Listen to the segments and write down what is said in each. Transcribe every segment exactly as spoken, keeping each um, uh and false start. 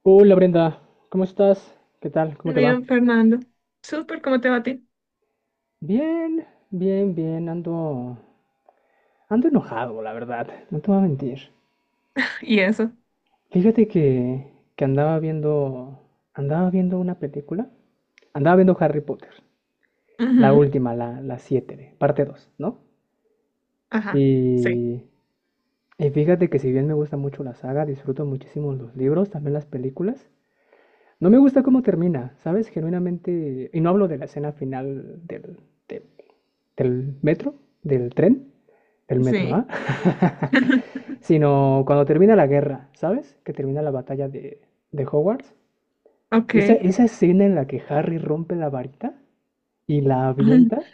Hola Brenda, ¿cómo estás? ¿Qué tal? ¿Cómo te va? Bien, Fernando. Súper, ¿cómo te va a ti? Bien, bien, bien, ando, ando enojado, la verdad, no te voy a mentir. Y eso. Fíjate que, que andaba viendo, andaba viendo una película, andaba viendo Harry Potter, la Ujú. última, la, la siete, parte dos, ¿no? Ajá. Sí. Y, y fíjate que si bien me gusta mucho la saga, disfruto muchísimo los libros, también las películas, no me gusta cómo termina, ¿sabes? Genuinamente, y no hablo de la escena final del, de del metro, del tren, del metro, Sí. ¿ah? Sino cuando termina la guerra, ¿sabes? Que termina la batalla de, de Hogwarts. Ok. Esa, esa escena en la que Harry rompe la varita y la Ujú. avienta,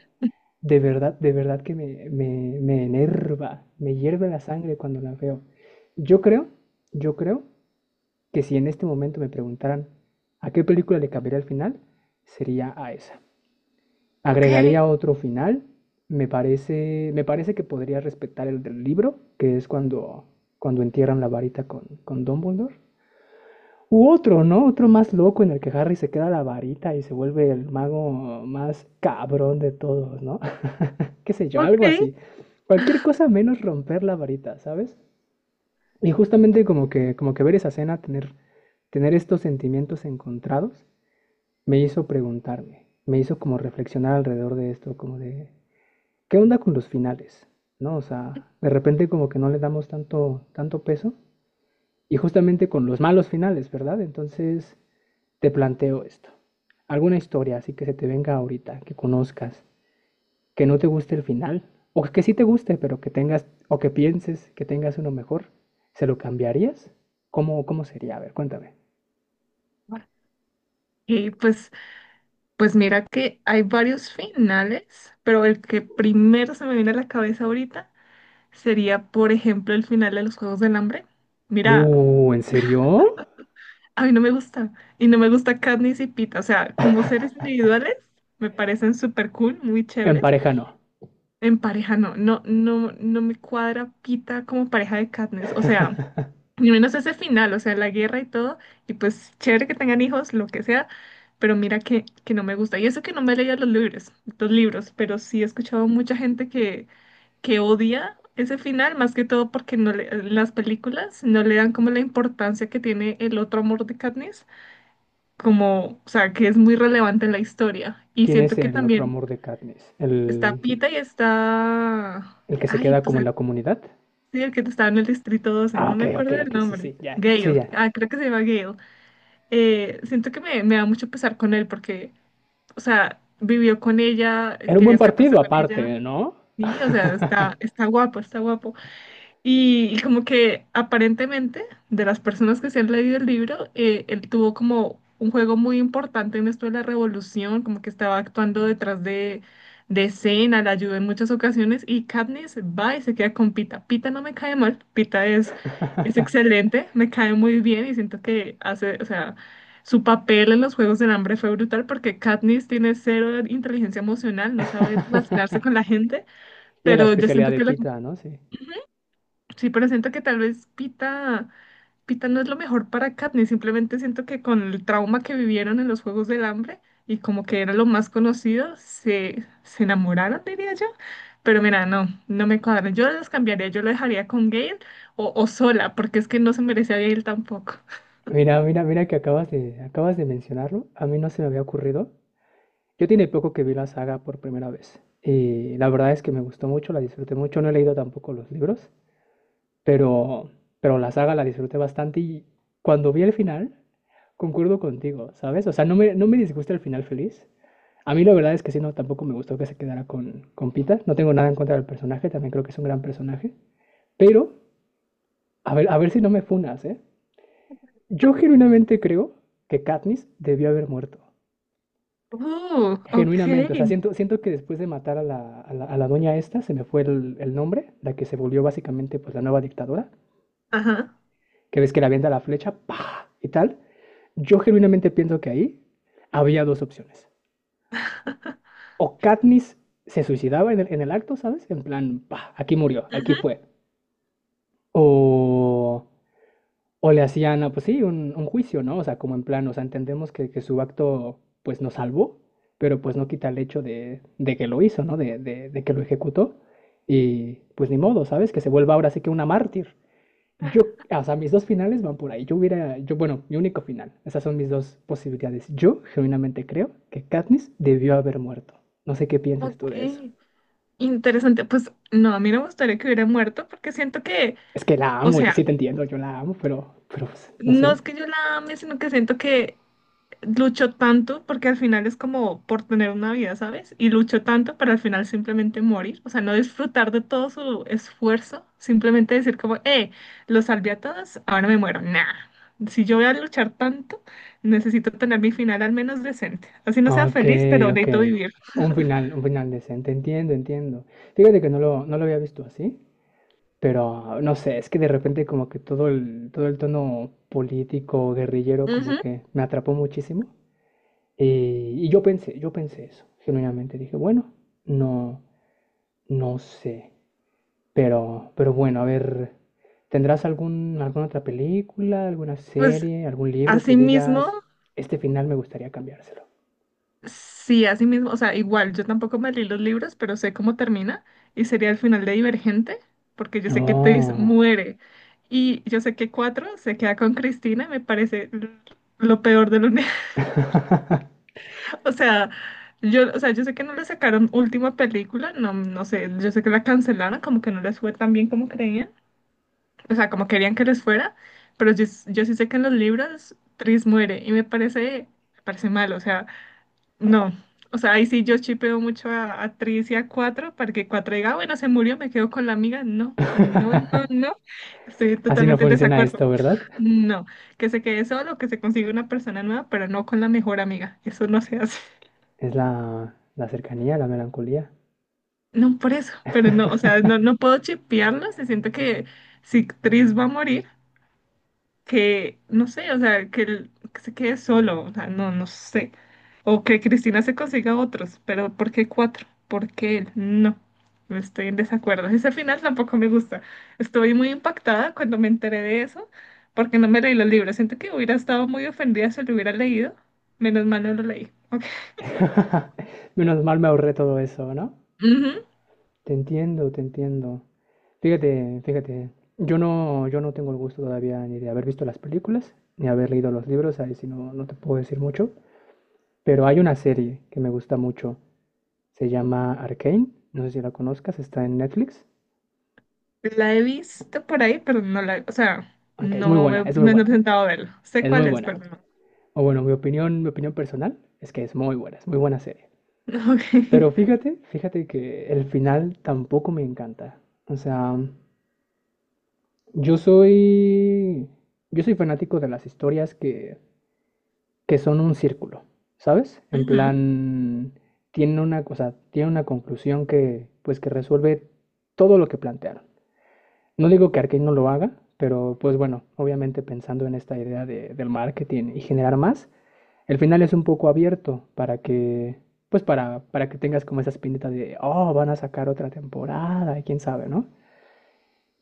de verdad, de verdad que me, me, me enerva, me hierve la sangre cuando la veo. Yo creo, yo creo que si en este momento me preguntaran a qué película le cambiaría el final, sería a esa. Ok. Agregaría otro final. Me parece, me parece que podría respetar el del libro, que es cuando, cuando entierran la varita con, con Dumbledore. U otro, ¿no? Otro más loco en el que Harry se queda la varita y se vuelve el mago más cabrón de todos, ¿no? Qué sé yo, Ok. algo así. Cualquier cosa menos romper la varita, ¿sabes? Y justamente como que, como que ver esa escena, tener, tener estos sentimientos encontrados, me hizo preguntarme, me hizo como reflexionar alrededor de esto, como de, ¿qué onda con los finales? ¿No? O sea, de repente como que no le damos tanto, tanto peso. Y justamente con los malos finales, ¿verdad? Entonces te planteo esto. ¿Alguna historia así que se te venga ahorita, que conozcas, que no te guste el final? O que sí te guste, pero que tengas, o que pienses que tengas uno mejor. ¿Se lo cambiarías? ¿Cómo, cómo sería? A ver, cuéntame. Y pues, pues mira que hay varios finales, pero el que primero se me viene a la cabeza ahorita sería, por ejemplo, el final de los Juegos del Hambre. Mira, Uh, ¿en serio? a mí no me gusta. Y no me gusta Katniss y Pita. O sea, como seres individuales, me parecen súper cool, muy En chéveres. pareja no. En pareja no, no, no, no me cuadra Pita como pareja de Katniss, o sea, ni menos ese final, o sea, la guerra y todo, y pues chévere que tengan hijos, lo que sea, pero mira que, que no me gusta. Y eso que no me he leído los libros, los libros, pero sí he escuchado mucha gente que, que odia ese final, más que todo porque no le- en las películas no le dan como la importancia que tiene el otro amor de Katniss, como, o sea, que es muy relevante en la historia. Y ¿Quién es siento que el otro también amor de Katniss? está ¿El, Pita y está. el que se Ay, queda pues como en la comunidad? sí, el que estaba en el distrito doce, Ah, no ok, me ok, acuerdo del ok, sí, nombre. sí, ya, sí, Gale, ya. ah, creo que se llama Gale. Eh, siento que me, me da mucho pesar con él porque, o sea, vivió con ella, Era un quería buen escaparse partido con ella. aparte, ¿no? Sí, o sea, está, está guapo, está guapo. Y, y como que aparentemente, de las personas que se han leído el libro, eh, él tuvo como un juego muy importante en esto de la revolución, como que estaba actuando detrás de, de escena, la ayudó en muchas ocasiones y Katniss va y se queda con Pita. Pita no me cae mal, Pita es, es excelente, me cae muy bien y siento que hace, o sea, su papel en los Juegos del Hambre fue brutal porque Katniss tiene cero inteligencia emocional, no sabe relacionarse con la gente, Y a la pero yo especialidad siento de que lo. pita, ¿no? Sí. Sí, pero siento que tal vez Pita, Pita no es lo mejor para Katniss, simplemente siento que con el trauma que vivieron en los Juegos del Hambre y como que era lo más conocido, se, se enamoraron, diría yo. Pero mira, no, no me cuadran. Yo los cambiaría, yo lo dejaría con Gale o, o sola, porque es que no se merece a Gale tampoco. Mira, mira, mira que acabas de, acabas de mencionarlo. A mí no se me había ocurrido. Yo tiene poco que vi la saga por primera vez. Y la verdad es que me gustó mucho, la disfruté mucho. No he leído tampoco los libros. Pero, pero la saga la disfruté bastante y cuando vi el final, concuerdo contigo, ¿sabes? O sea, no me, no me disgusta el final feliz. A mí la verdad es que sí, no, tampoco me gustó que se quedara con, con Pita. No tengo nada en contra del personaje, también creo que es un gran personaje. Pero, a ver, a ver si no me funas, ¿eh? Yo genuinamente creo que Katniss debió haber muerto. Uh, ok. Genuinamente, o sea, siento, siento que después de matar a la, a la, a la doña esta, se me fue el, el nombre, la que se volvió básicamente pues la nueva dictadora. Ajá. Que ves que le avienta la flecha, ¡pah! Y tal. Yo genuinamente pienso que ahí había dos opciones. O Katniss se suicidaba en el, en el acto, ¿sabes? En plan, ¡pah! Aquí murió, aquí Ujú. fue. O, o le hacían, ah, pues sí, un, un juicio, ¿no? O sea, como en plan, o sea, entendemos que, que su acto, pues, nos salvó, pero pues no quita el hecho de, de que lo hizo, ¿no? De, de, de que lo ejecutó. Y pues ni modo, ¿sabes? Que se vuelva ahora sí que una mártir. Yo, o sea, mis dos finales van por ahí. Yo hubiera, yo, bueno, mi único final. Esas son mis dos posibilidades. Yo genuinamente creo que Katniss debió haber muerto. No sé qué pienses tú Ok, de eso. interesante. Pues no, a mí no me gustaría que hubiera muerto porque siento que, Es que la o amo, yo sea, sí te entiendo, yo la amo, pero, pero pues, no no sé. es que yo la ame, sino que siento que luchó tanto, porque al final es como por tener una vida, ¿sabes? Y luchó tanto para al final simplemente morir, o sea, no disfrutar de todo su esfuerzo, simplemente decir como, eh, los salvé a todos, ahora me muero. Nah, si yo voy a luchar tanto, necesito tener mi final al menos decente. Así no sea Ok, feliz, pero ok. necesito vivir. Un final, un final decente. Entiendo, entiendo. Fíjate que no lo, no lo había visto así, pero no sé, es que de repente como que todo el, todo el tono político, guerrillero, como Ujú. que me atrapó muchísimo. Eh, y yo pensé, yo pensé eso, genuinamente dije, bueno, no, no sé, pero, pero bueno, a ver, ¿tendrás algún, alguna otra película, alguna Pues serie, algún libro que así mismo. digas, este final me gustaría cambiárselo? Sí, así mismo, o sea, igual, yo tampoco me leí los libros, pero sé cómo termina y sería el final de Divergente, porque yo sé que Tess Oh. muere y yo sé que Cuatro se queda con Cristina, me parece l- lo peor del universo. O sea, yo, o sea, yo sé que no le sacaron última película, no, no sé, yo sé que la cancelaron, como que no les fue tan bien como creían, o sea, como querían que les fuera, pero yo, s- yo sí sé que en los libros Tris muere y me parece, me parece mal, o sea. No, o sea, ahí sí yo chipeo mucho a, a Tris y a Cuatro para que Cuatro diga: "Ah, bueno, se murió, me quedo con la amiga." No, no, no, no. Estoy Así no totalmente en funciona desacuerdo. esto, ¿verdad? No, que se quede solo, que se consiga una persona nueva, pero no con la mejor amiga. Eso no se hace. Es la, la cercanía, la melancolía. No, por eso, pero no, o sea, no, no puedo chipearlo, se siento que si Tris va a morir. Que, no sé, o sea, que, él- que se quede solo, o sea, no, no sé. O que Cristina se consiga otros, pero ¿por qué cuatro? ¿Por qué él? No, estoy en desacuerdo. Ese final tampoco me gusta. Estoy muy impactada cuando me enteré de eso, porque no me leí los libros. Siento que hubiera estado muy ofendida si lo hubiera leído. Menos mal no lo leí. Ok. Menos mal me ahorré todo eso, ¿no? Ujú. Te entiendo, te entiendo. Fíjate, fíjate, yo no, yo no tengo el gusto todavía ni de haber visto las películas, ni haber leído los libros, ahí sí no, no te puedo decir mucho, pero hay una serie que me gusta mucho, se llama Arcane, no sé si la conozcas, está en Netflix, La he visto por ahí, pero no la, o sea, aunque es muy no me, buena, es muy no me he buena, ¿eh? sentado a verlo. Sé Es muy cuál es, buena. pero no. O bueno, mi opinión, mi opinión personal es que es muy buena, es muy buena serie. Ok. Pero fíjate, fíjate que el final tampoco me encanta. O sea, yo soy. Yo soy fanático de las historias que, que son un círculo, ¿sabes? En Ujú, plan, tiene una cosa, tiene una conclusión que, pues, que resuelve todo lo que plantearon. No digo que Arkane no lo haga, pero pues bueno, obviamente pensando en esta idea de- del marketing y generar más, el final es un poco abierto para que, pues para, para que tengas como esa espinita de, oh, van a sacar otra temporada, y quién sabe, ¿no?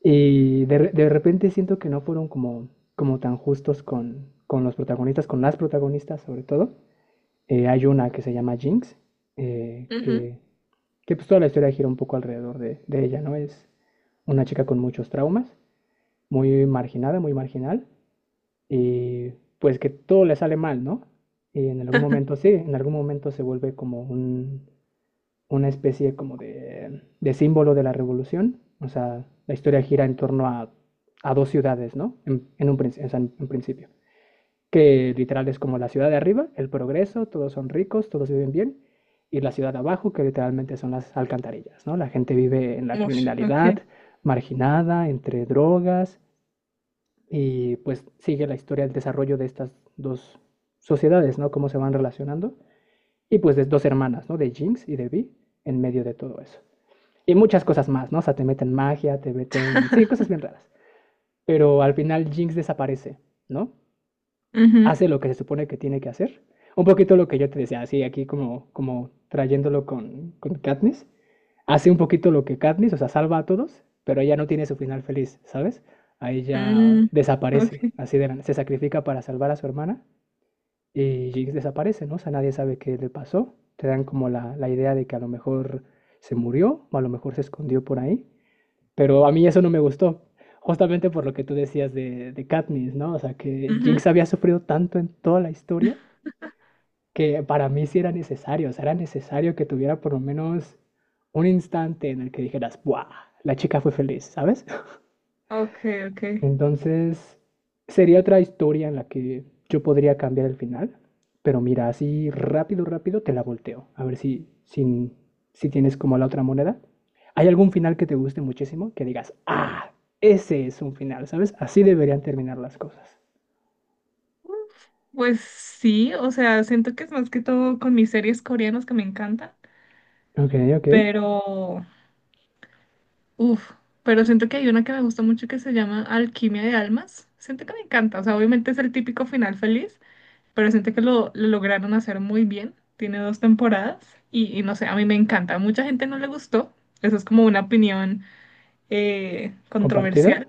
Y de, re- de repente siento que no fueron como, como tan justos con, con los protagonistas, con las protagonistas sobre todo. Eh, hay una que se llama Jinx, eh, ujú. que, que pues toda la historia gira un poco alrededor de, de ella, ¿no? Es una chica con muchos traumas, muy marginada, muy marginal, y pues que todo le sale mal, ¿no? Y en algún momento sí, en algún momento se vuelve como un, una especie como de, de símbolo de la revolución. O sea, la historia gira en torno a, a dos ciudades, ¿no? En, en un, o sea, en principio. Que literal es como la ciudad de arriba, el progreso, todos son ricos, todos viven bien. Y la ciudad de abajo, que literalmente son las alcantarillas, ¿no? La gente vive en la Ush, criminalidad, ok. marginada, entre drogas. Y pues sigue la historia, el desarrollo de estas dos sociedades, ¿no? Cómo se van relacionando. Y pues de dos hermanas, ¿no? De Jinx y de Vi, en medio de todo eso. Y muchas cosas más, ¿no? O sea, te meten magia, te meten... Sí, cosas bien raras. Pero al final Jinx desaparece, ¿no? Ujú. Hace lo que se supone que tiene que hacer. Un poquito lo que yo te decía, así aquí como, como trayéndolo con, con Katniss. Hace un poquito lo que Katniss, o sea, salva a todos, pero ella no tiene su final feliz, ¿sabes? Ahí ya Mm, desaparece, ok. así de la- se sacrifica para salvar a su hermana y Jinx desaparece, ¿no? O sea, nadie sabe qué le pasó. Te dan como la, la idea de que a lo mejor se murió o a lo mejor se escondió por ahí. Pero a mí eso no me gustó, justamente por lo que tú decías de, de Katniss, ¿no? O sea, que Ujú. Jinx había sufrido tanto en toda la historia que para mí sí era necesario, o sea, era necesario que tuviera por lo menos un instante en el que dijeras, ¡buah! La chica fue feliz, ¿sabes? Ok, ok. Entonces, sería otra historia en la que yo podría cambiar el final, pero mira, así rápido, rápido te la volteo. A ver si, si, si tienes como la otra moneda. ¿Hay algún final que te guste muchísimo? Que digas, ah, ese es un final, ¿sabes? Así deberían terminar las cosas. Pues sí, o sea, siento que es más que todo con mis series coreanas que me encantan, Ok, ok. pero, uff, pero siento que hay una que me gusta mucho que se llama Alquimia de Almas. Siento que me encanta, o sea, obviamente es el típico final feliz, pero siento que lo, lo lograron hacer muy bien. Tiene dos temporadas y, y no sé, a mí me encanta. A mucha gente no le gustó, eso es como una opinión eh, ¿Compartida? controversial.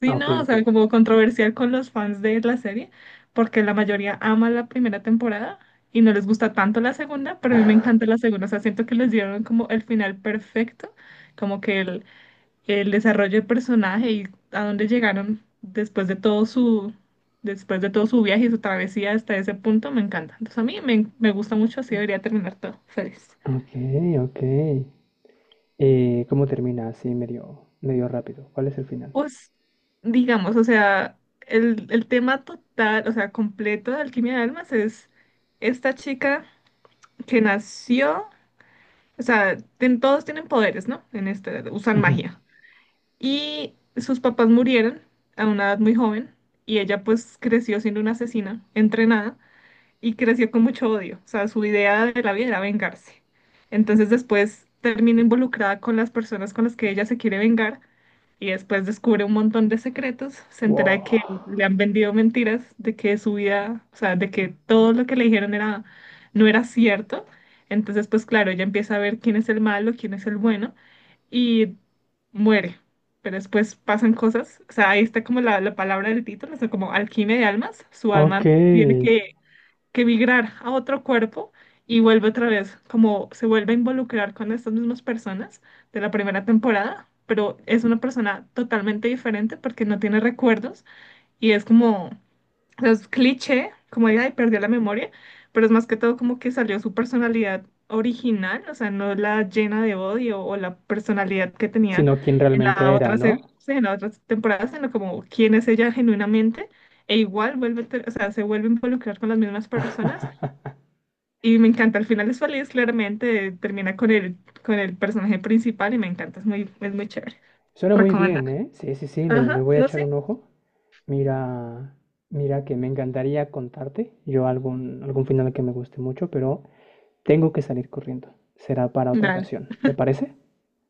Sí, Ah, ok, no, o ok. sea, como controversial con los fans de la serie, porque la mayoría ama la primera temporada y no les gusta tanto la segunda, pero a mí me encanta la segunda, o sea, siento que les dieron como el final perfecto, como que el, el desarrollo del personaje y a dónde llegaron después de todo su, después de todo su viaje y su travesía hasta ese punto, me encanta. Entonces a mí me, me gusta mucho, así debería terminar todo. Feliz. Ok, ok. Eh, ¿cómo termina? Así medio, medio rápido. ¿Cuál es el final? Pues, digamos, o sea, el, el tema total, o sea, completo de Alquimia de Almas es esta chica que nació, o sea, ten- todos tienen poderes, ¿no? En este, usan Ujú. magia. Y sus papás murieron a una edad muy joven y ella pues creció siendo una asesina entrenada y creció con mucho odio. O sea, su idea de la vida era vengarse. Entonces después termina involucrada con las personas con las que ella se quiere vengar y después descubre un montón de secretos. Se entera de que Wow. le han vendido mentiras, de que su vida, o sea, de que todo lo que le dijeron era, no era cierto. Entonces, pues claro, ella empieza a ver quién es el malo, quién es el bueno y muere. Pero después pasan cosas, o sea, ahí está como la, la palabra del título, o sea, como alquimia de almas, su Ok. alma tiene que que migrar a otro cuerpo y vuelve otra vez, como se vuelve a involucrar con estas mismas personas de la primera temporada, pero es una persona totalmente diferente porque no tiene recuerdos y es como, o sea, es cliché, como de, ay, perdió la memoria, pero es más que todo como que salió su personalidad original, o sea, no la llena de odio o la personalidad que tenía Sino quién en la realmente era, otra, se- ¿no? sí, en la otra temporada, sino como quién es ella genuinamente e igual vuelve, a ter- o sea, se vuelve a involucrar con las mismas personas y me encanta, al final es feliz, claramente, termina con el, con el personaje principal y me encanta, es muy, es muy chévere. Suena muy Recomendar. bien, ¿eh? Sí, sí, sí, le, Ajá, le voy a no echar sé. un ojo. Mira, mira que me encantaría contarte yo algún, algún final que me guste mucho, pero tengo que salir corriendo. Será para otra Dale, ocasión. ¿Te parece?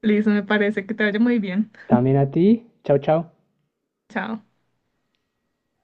listo, me parece que te vaya muy bien. También a ti. Chao, chao. Chao.